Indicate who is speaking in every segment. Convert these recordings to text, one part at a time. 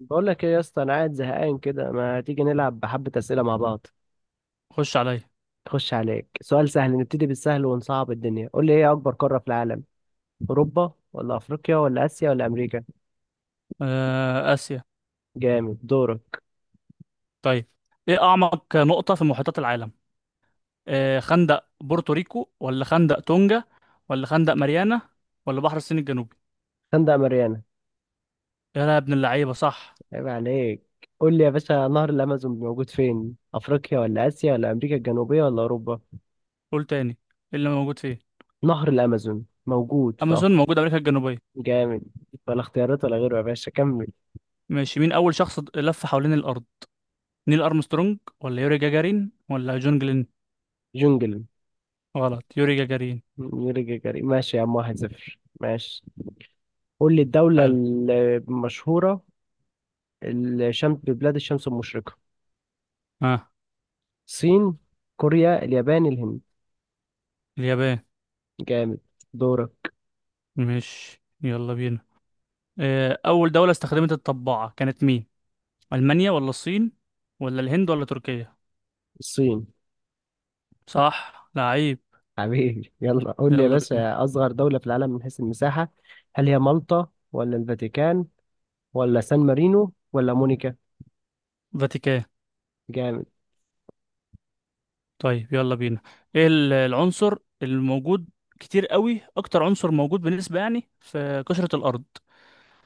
Speaker 1: بقول لك ايه يا اسطى، انا قاعد زهقان كده. ما تيجي نلعب بحبة اسئله مع بعض.
Speaker 2: خش عليا.
Speaker 1: خش عليك سؤال سهل، نبتدي بالسهل ونصعب الدنيا. قول لي ايه اكبر قاره في العالم؟ اوروبا ولا افريقيا ولا اسيا ولا امريكا؟
Speaker 2: آسيا.
Speaker 1: جامد، دورك.
Speaker 2: طيب، إيه أعمق نقطة في محيطات العالم؟ خندق بورتوريكو ولا خندق تونجا ولا خندق ماريانا ولا بحر الصين الجنوبي؟
Speaker 1: خندق ماريانا.
Speaker 2: يا لا يا ابن اللعيبة، صح.
Speaker 1: عيب عليك. قول لي يا باشا، نهر الامازون موجود فين؟ افريقيا ولا اسيا ولا امريكا الجنوبيه ولا اوروبا؟
Speaker 2: قول تاني، إيه اللي موجود فيه؟
Speaker 1: نهر الامازون موجود في
Speaker 2: أمازون موجود أمريكا الجنوبية.
Speaker 1: جامد. ولا اختيارات ولا غيره يا باشا، كمل.
Speaker 2: ماشي، مين أول شخص لف حوالين الأرض؟ نيل أرمسترونج ولا يوري جاجارين ولا جون جلين؟
Speaker 1: جونجل.
Speaker 2: غلط، يوري جاجارين.
Speaker 1: يوري جاجاري ماشي يا عم، 1-0، ماشي. قول لي الدولة
Speaker 2: حلو.
Speaker 1: المشهورة الشمس، ببلاد الشمس المشرقة.
Speaker 2: ها،
Speaker 1: الصين، كوريا، اليابان، الهند.
Speaker 2: اليابان.
Speaker 1: جامد، دورك.
Speaker 2: ماشي يلا بينا. أول دولة استخدمت الطباعة كانت مين؟ ألمانيا ولا الصين ولا الهند ولا تركيا؟
Speaker 1: الصين.
Speaker 2: صح لعيب.
Speaker 1: حبيبي، يلا قول لي يا
Speaker 2: يلا بينا،
Speaker 1: باشا، أصغر دولة في العالم من حيث المساحة، هل هي مالطا ولا الفاتيكان ولا سان مارينو ولا مونيكا؟
Speaker 2: فاتيكان.
Speaker 1: جامد.
Speaker 2: طيب يلا بينا، ايه العنصر الموجود كتير قوي، اكتر عنصر موجود بالنسبة يعني في قشرة الارض؟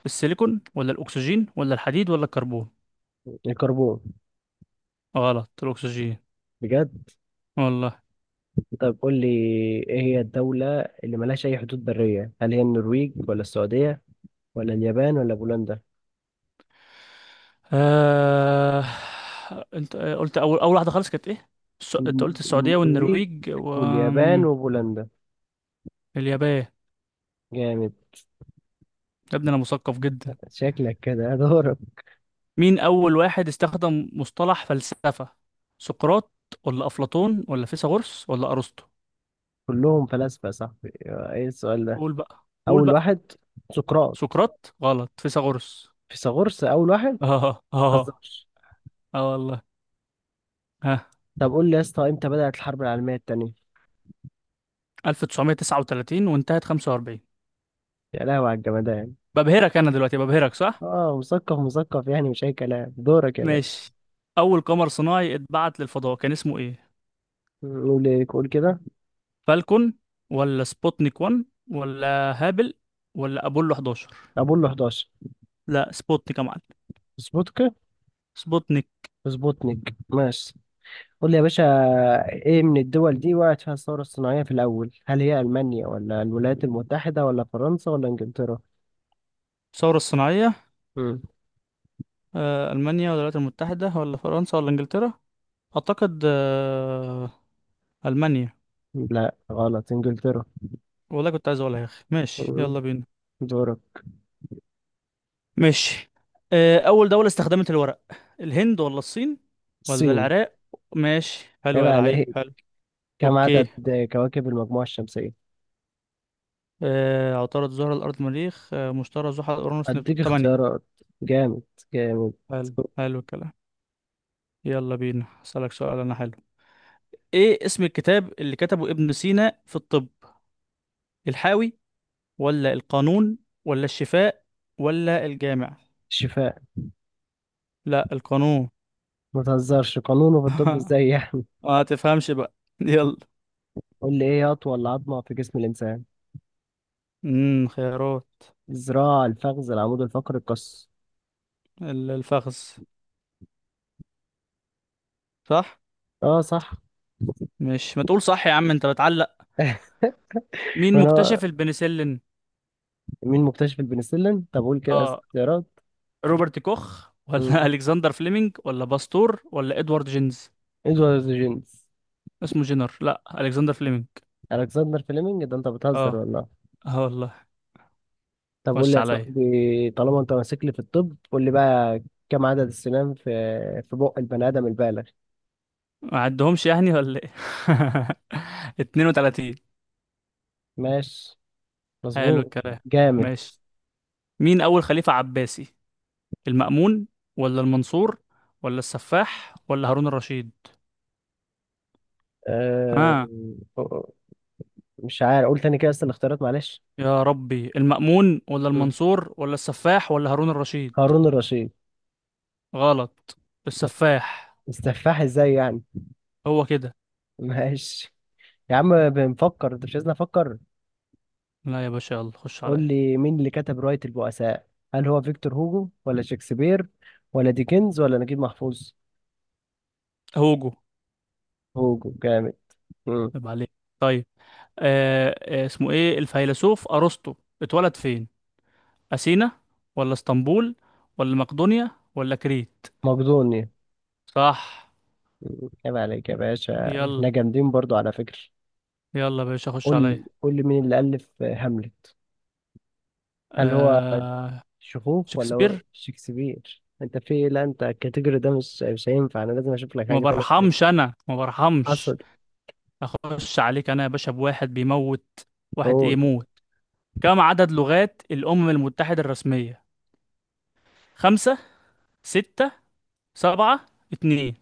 Speaker 2: السيليكون ولا الاكسجين ولا الحديد ولا الكربون؟
Speaker 1: الكربون.
Speaker 2: غلط، الاكسجين.
Speaker 1: بجد؟
Speaker 2: والله.
Speaker 1: طب قول لي، ايه هي الدولة اللي ملهاش أي حدود برية؟ هل هي النرويج ولا السعودية ولا اليابان ولا بولندا؟
Speaker 2: آه... انت قلت، اول واحدة خالص كانت ايه؟ انت
Speaker 1: الن-
Speaker 2: قلت السعودية
Speaker 1: النرويج
Speaker 2: والنرويج
Speaker 1: واليابان
Speaker 2: واليابان.
Speaker 1: وبولندا.
Speaker 2: يا
Speaker 1: جامد.
Speaker 2: ابني انا مثقف جدا.
Speaker 1: شكلك كده دورك.
Speaker 2: مين أول واحد استخدم مصطلح فلسفة؟ سقراط ولا أفلاطون ولا فيثاغورس ولا أرسطو؟
Speaker 1: كلهم فلاسفة يا صاحبي، ايه السؤال ده؟
Speaker 2: قول بقى قول
Speaker 1: اول
Speaker 2: بقى.
Speaker 1: واحد سقراط.
Speaker 2: سقراط غلط، فيثاغورس.
Speaker 1: فيثاغورس اول واحد.
Speaker 2: اه اه اه.
Speaker 1: مهزرش.
Speaker 2: والله. ها،
Speaker 1: طب قول لي يا اسطى، امتى بدأت الحرب العالمية التانية؟
Speaker 2: 1939 وانتهت 45.
Speaker 1: يا لهوي على الجمدان.
Speaker 2: ببهرك أنا دلوقتي، ببهرك صح؟
Speaker 1: اه، مثقف مثقف يعني، مش اي كلام. دورك يا باشا.
Speaker 2: ماشي، أول قمر صناعي اتبعت للفضاء كان اسمه إيه؟
Speaker 1: قول ايه، قول كده.
Speaker 2: فالكون ولا سبوتنيك 1 ولا هابل ولا أبولو 11؟
Speaker 1: اقول له 11.
Speaker 2: لا، سبوتنيك يا معلم.
Speaker 1: سبوتك.
Speaker 2: سبوتنيك.
Speaker 1: سبوتنيك، ماشي. قول لي يا باشا، ايه من الدول دي وقعت فيها الثورة الصناعية في الاول؟ هل هي المانيا ولا الولايات المتحدة ولا فرنسا ولا انجلترا؟
Speaker 2: الثورة الصناعية.
Speaker 1: مم.
Speaker 2: ألمانيا ولا الولايات المتحدة ولا فرنسا ولا إنجلترا؟ أعتقد ألمانيا.
Speaker 1: لا، غلط، إنجلترا.
Speaker 2: والله كنت عايز أقولها يا أخي. ماشي
Speaker 1: مم.
Speaker 2: يلا بينا.
Speaker 1: دورك.
Speaker 2: ماشي. أول دولة استخدمت الورق، الهند ولا الصين ولا
Speaker 1: الصين.
Speaker 2: العراق؟ ماشي حلو
Speaker 1: عيب
Speaker 2: يا لعيب،
Speaker 1: عليك.
Speaker 2: حلو.
Speaker 1: كم
Speaker 2: أوكي.
Speaker 1: عدد كواكب المجموعة الشمسية؟
Speaker 2: عطارد، زهرة، الأرض، مريخ، مشتري، زحل، أورانوس،
Speaker 1: أديك
Speaker 2: نبتون. تمانية.
Speaker 1: اختيارات. جامد، جامد.
Speaker 2: حلو حلو الكلام. يلا بينا أسألك سؤال أنا. حلو، إيه اسم الكتاب اللي كتبه ابن سينا في الطب؟ الحاوي ولا القانون ولا الشفاء ولا الجامع؟
Speaker 1: شفاء.
Speaker 2: لا، القانون.
Speaker 1: ما تهزرش، قانونه في الطب ازاي يعني؟
Speaker 2: ما تفهمش بقى. يلا.
Speaker 1: قول لي ايه هي أطول عظمة في جسم الإنسان؟
Speaker 2: خيارات.
Speaker 1: الذراع، الفخذ، العمود الفقري، القص.
Speaker 2: الفخذ. صح.
Speaker 1: اه، صح.
Speaker 2: مش ما تقول صح يا عم، انت بتعلق. مين
Speaker 1: ما انا.
Speaker 2: مكتشف البنسلين؟
Speaker 1: مين مكتشف البنسلين؟ طب قول كده
Speaker 2: اه،
Speaker 1: اختيارات.
Speaker 2: روبرت كوخ ولا
Speaker 1: مم.
Speaker 2: الكسندر فليمنج ولا باستور ولا ادوارد جينز؟
Speaker 1: ادوارد جينز.
Speaker 2: اسمه جينر. لا، الكسندر فليمنج.
Speaker 1: الكسندر فليمنج، ده انت
Speaker 2: اه،
Speaker 1: بتهزر والله.
Speaker 2: اه والله.
Speaker 1: طب قول لي
Speaker 2: خش
Speaker 1: يا
Speaker 2: عليا.
Speaker 1: صاحبي، طالما انت ماسك لي في الطب قول لي بقى، كم عدد السنان في في بق البني ادم البالغ؟
Speaker 2: ما عدهمش يعني ولا ايه؟ 32.
Speaker 1: ماشي،
Speaker 2: حلو
Speaker 1: مظبوط.
Speaker 2: الكلام.
Speaker 1: جامد.
Speaker 2: ماشي، مين أول خليفة عباسي؟ المأمون ولا المنصور ولا السفاح ولا هارون الرشيد؟
Speaker 1: أه...
Speaker 2: ها.
Speaker 1: مش عارف، قول تاني كده بس الاختيارات، معلش.
Speaker 2: يا ربي، المأمون ولا
Speaker 1: مم.
Speaker 2: المنصور ولا السفاح ولا هارون الرشيد.
Speaker 1: هارون الرشيد.
Speaker 2: غلط،
Speaker 1: ما-
Speaker 2: السفاح.
Speaker 1: السفاح ازاي يعني؟
Speaker 2: هو كده.
Speaker 1: ماشي. يا عم بنفكر، انت مش عايزني افكر.
Speaker 2: لا يا باشا يلا خش
Speaker 1: قول
Speaker 2: عليا.
Speaker 1: لي مين اللي كتب رواية البؤساء؟ هل هو فيكتور هوجو ولا شكسبير ولا ديكنز ولا نجيب محفوظ؟
Speaker 2: هوجو.
Speaker 1: هوجو، جامد. مم.
Speaker 2: طيب عليك. طيب. آه. اسمه ايه الفيلسوف أرسطو، اتولد فين؟ أثينا ولا اسطنبول ولا مقدونيا ولا كريت؟
Speaker 1: مقدوني.
Speaker 2: صح.
Speaker 1: عيب عليك يا باشا،
Speaker 2: يلا
Speaker 1: احنا جامدين برضو على فكرة.
Speaker 2: يلا يا باشا خش
Speaker 1: قول،
Speaker 2: عليا.
Speaker 1: قول لي مين اللي ألف هاملت؟ هل هو
Speaker 2: آه،
Speaker 1: شخوخ ولا هو
Speaker 2: شكسبير.
Speaker 1: شكسبير؟ انت في إيه؟ لا، انت الكاتيجوري ده مش هينفع، انا لازم اشوف لك
Speaker 2: ما
Speaker 1: حاجة تانية أسألك.
Speaker 2: برحمش انا، ما برحمش.
Speaker 1: اصل.
Speaker 2: اخش عليك انا يا باشا بواحد بيموت، واحد ايه
Speaker 1: قول.
Speaker 2: موت. كم عدد لغات الامم المتحدة الرسمية؟ خمسة، ستة، سبعة، اتنين.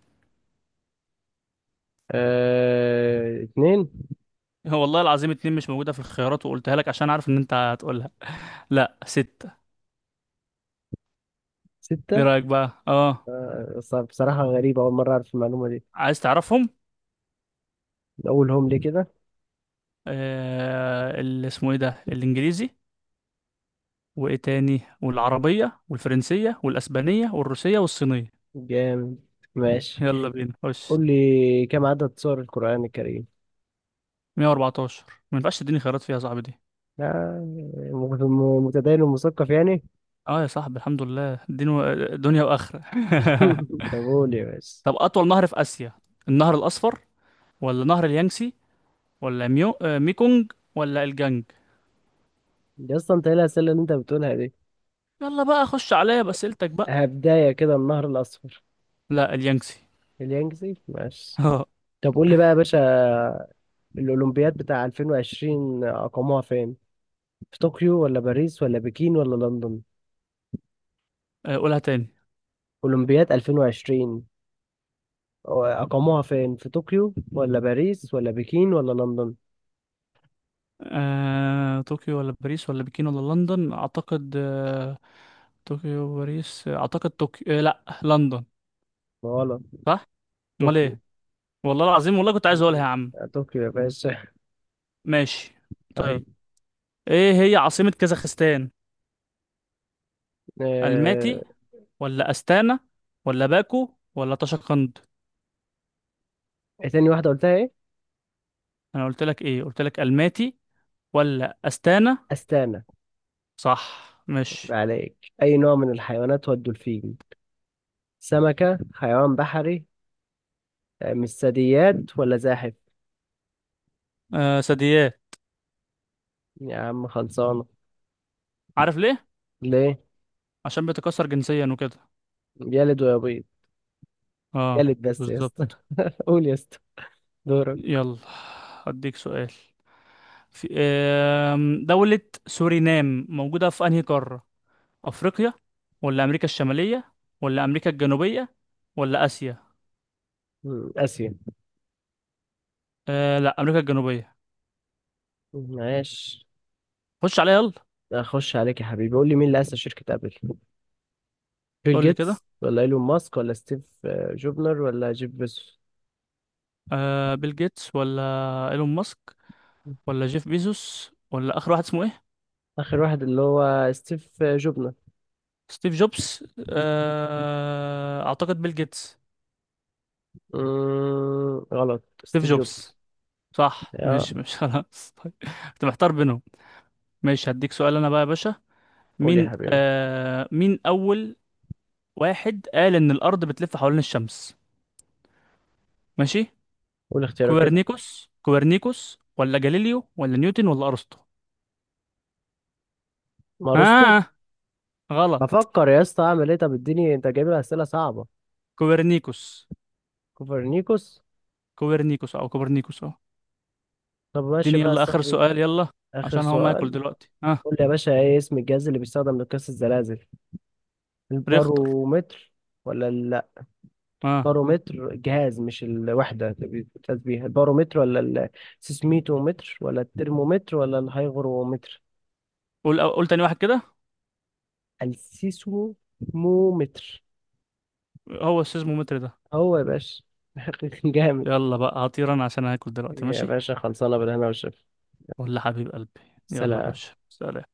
Speaker 1: اه... اتنين.
Speaker 2: هو والله العظيم اتنين مش موجودة في الخيارات، وقلتها لك عشان عارف ان انت هتقولها. لا، ستة. ايه
Speaker 1: ستة.
Speaker 2: رأيك بقى، اه؟
Speaker 1: بصراحة غريبة، أول مرة أعرف المعلومة دي.
Speaker 2: عايز تعرفهم؟
Speaker 1: أقولهم لي كده.
Speaker 2: آه، اللي اسمه ايه ده، الانجليزي، وايه تاني، والعربية والفرنسية والاسبانية والروسية والصينية.
Speaker 1: جامد، ماشي.
Speaker 2: يلا بينا خش.
Speaker 1: قول لي كم عدد سور القرآن الكريم؟
Speaker 2: 114. ما ينفعش تديني خيارات فيها يا صاحبي دي.
Speaker 1: متدين ومثقف يعني.
Speaker 2: اه يا صاحبي، الحمد لله، دين و دنيا واخره.
Speaker 1: طب قول يا باشا.
Speaker 2: طب اطول نهر في اسيا؟ النهر الاصفر ولا نهر اليانسي ولا ميو... آه، ميكونج ولا الجانج؟
Speaker 1: يا اسطى انت ايه الاسئله اللي انت بتقولها دي؟
Speaker 2: يلا بقى خش عليا باسئلتك بقى.
Speaker 1: هبدايه كده، النهر الاصفر.
Speaker 2: لا، اليانسي.
Speaker 1: اليانجزي، ماشي.
Speaker 2: اه.
Speaker 1: طب قول لي بقى يا باشا، الاولمبياد بتاع 2020 اقاموها فين؟ في طوكيو ولا باريس ولا بكين ولا لندن؟
Speaker 2: قولها تاني.
Speaker 1: اولمبياد 2020 اقاموها فين؟ في طوكيو ولا باريس ولا بكين ولا لندن؟
Speaker 2: طوكيو ولا باريس ولا بكين ولا لندن؟ اعتقد طوكيو وباريس، اعتقد طوكيو، لا لندن.
Speaker 1: غلط.
Speaker 2: صح. امال
Speaker 1: طوكيو.
Speaker 2: ايه. والله العظيم، والله كنت عايز اقولها يا عم.
Speaker 1: طوكيو يا باشا.
Speaker 2: ماشي.
Speaker 1: اه.
Speaker 2: طيب، ايه هي عاصمة كازاخستان؟
Speaker 1: آه،
Speaker 2: الماتي ولا استانا ولا باكو ولا طشقند؟
Speaker 1: ايه تاني واحده قلتها، ايه؟
Speaker 2: انا قلت لك ايه، قلت لك الماتي ولا استانا.
Speaker 1: استانا.
Speaker 2: صح
Speaker 1: يبقى
Speaker 2: ماشي.
Speaker 1: عليك. اي نوع من الحيوانات هو الدولفين؟ سمكه، حيوان بحري، مش ثدييات ولا زاحف؟
Speaker 2: ثدييات.
Speaker 1: يا عم خلصانة.
Speaker 2: عارف ليه؟
Speaker 1: ليه؟
Speaker 2: عشان بتكسر جنسيا وكده.
Speaker 1: يلد ويبيض.
Speaker 2: اه،
Speaker 1: يلد بس يا
Speaker 2: بالظبط.
Speaker 1: اسطى. قول يا اسطى، دورك.
Speaker 2: يلا، هديك سؤال. في دولة سورينام موجودة في انهي قارة؟ افريقيا ولا امريكا الشمالية ولا امريكا الجنوبية ولا اسيا؟
Speaker 1: مم، آسيا.
Speaker 2: لا، امريكا الجنوبية.
Speaker 1: ماشي.
Speaker 2: خش عليها يلا.
Speaker 1: أخش عليك يا حبيبي، قول لي مين اللي أسس شركة أبل؟ بيل
Speaker 2: قول لي كده.
Speaker 1: جيتس ولا إيلون ماسك ولا ستيف جوبنر ولا جيف بيزوس؟
Speaker 2: بيل جيتس ولا ايلون ماسك ولا جيف بيزوس ولا اخر واحد اسمه ايه؟
Speaker 1: آخر واحد اللي هو ستيف جوبنر.
Speaker 2: ستيف جوبز، اعتقد بيل جيتس.
Speaker 1: مم، غلط،
Speaker 2: ستيف
Speaker 1: ستيف
Speaker 2: جوبز.
Speaker 1: جوبز.
Speaker 2: صح.
Speaker 1: يا.
Speaker 2: مش خلاص طيب. كنت محتار بينهم. ماشي، هديك سؤال انا بقى يا باشا.
Speaker 1: قول يا
Speaker 2: مين
Speaker 1: حبيبي.
Speaker 2: مين اول واحد قال ان الارض بتلف حوالين الشمس؟ ماشي.
Speaker 1: قول اختيارك كده.
Speaker 2: كوبرنيكوس ولا جاليليو ولا نيوتن ولا ارسطو؟
Speaker 1: ما رستو.
Speaker 2: ها، آه. غلط،
Speaker 1: بفكر يا اسطى أعمل إيه، طب اديني أنت جايب لي أسئلة صعبة.
Speaker 2: كوبرنيكوس.
Speaker 1: كوبرنيكوس.
Speaker 2: كوبرنيكوس او كوبرنيكوس، اه.
Speaker 1: طب ماشي
Speaker 2: اديني
Speaker 1: بقى يا
Speaker 2: يلا اخر
Speaker 1: صاحبي.
Speaker 2: سؤال، يلا.
Speaker 1: آخر
Speaker 2: عشان هو ما ياكل
Speaker 1: سؤال.
Speaker 2: دلوقتي. ها.
Speaker 1: قول لي يا باشا إيه اسم الجهاز اللي بيستخدم لقياس الزلازل؟
Speaker 2: ريختر.
Speaker 1: البارومتر ولا لا،
Speaker 2: ها.
Speaker 1: بارومتر جهاز، مش الوحدة اللي بتقيس بيها البارومتر، ولا السيسميتومتر ولا الترمومتر ولا الهيغرومتر؟
Speaker 2: قول، قول تاني واحد كده.
Speaker 1: السيسمومتر.
Speaker 2: هو السيزمومتر ده.
Speaker 1: هو يا باشا. جامد.
Speaker 2: يلا بقى هطير انا عشان هاكل دلوقتي،
Speaker 1: يا
Speaker 2: ماشي.
Speaker 1: باشا خلصانة، بالهنا والشفا.
Speaker 2: ولا حبيب قلبي. يلا يا
Speaker 1: سلام.
Speaker 2: باشا، سلام.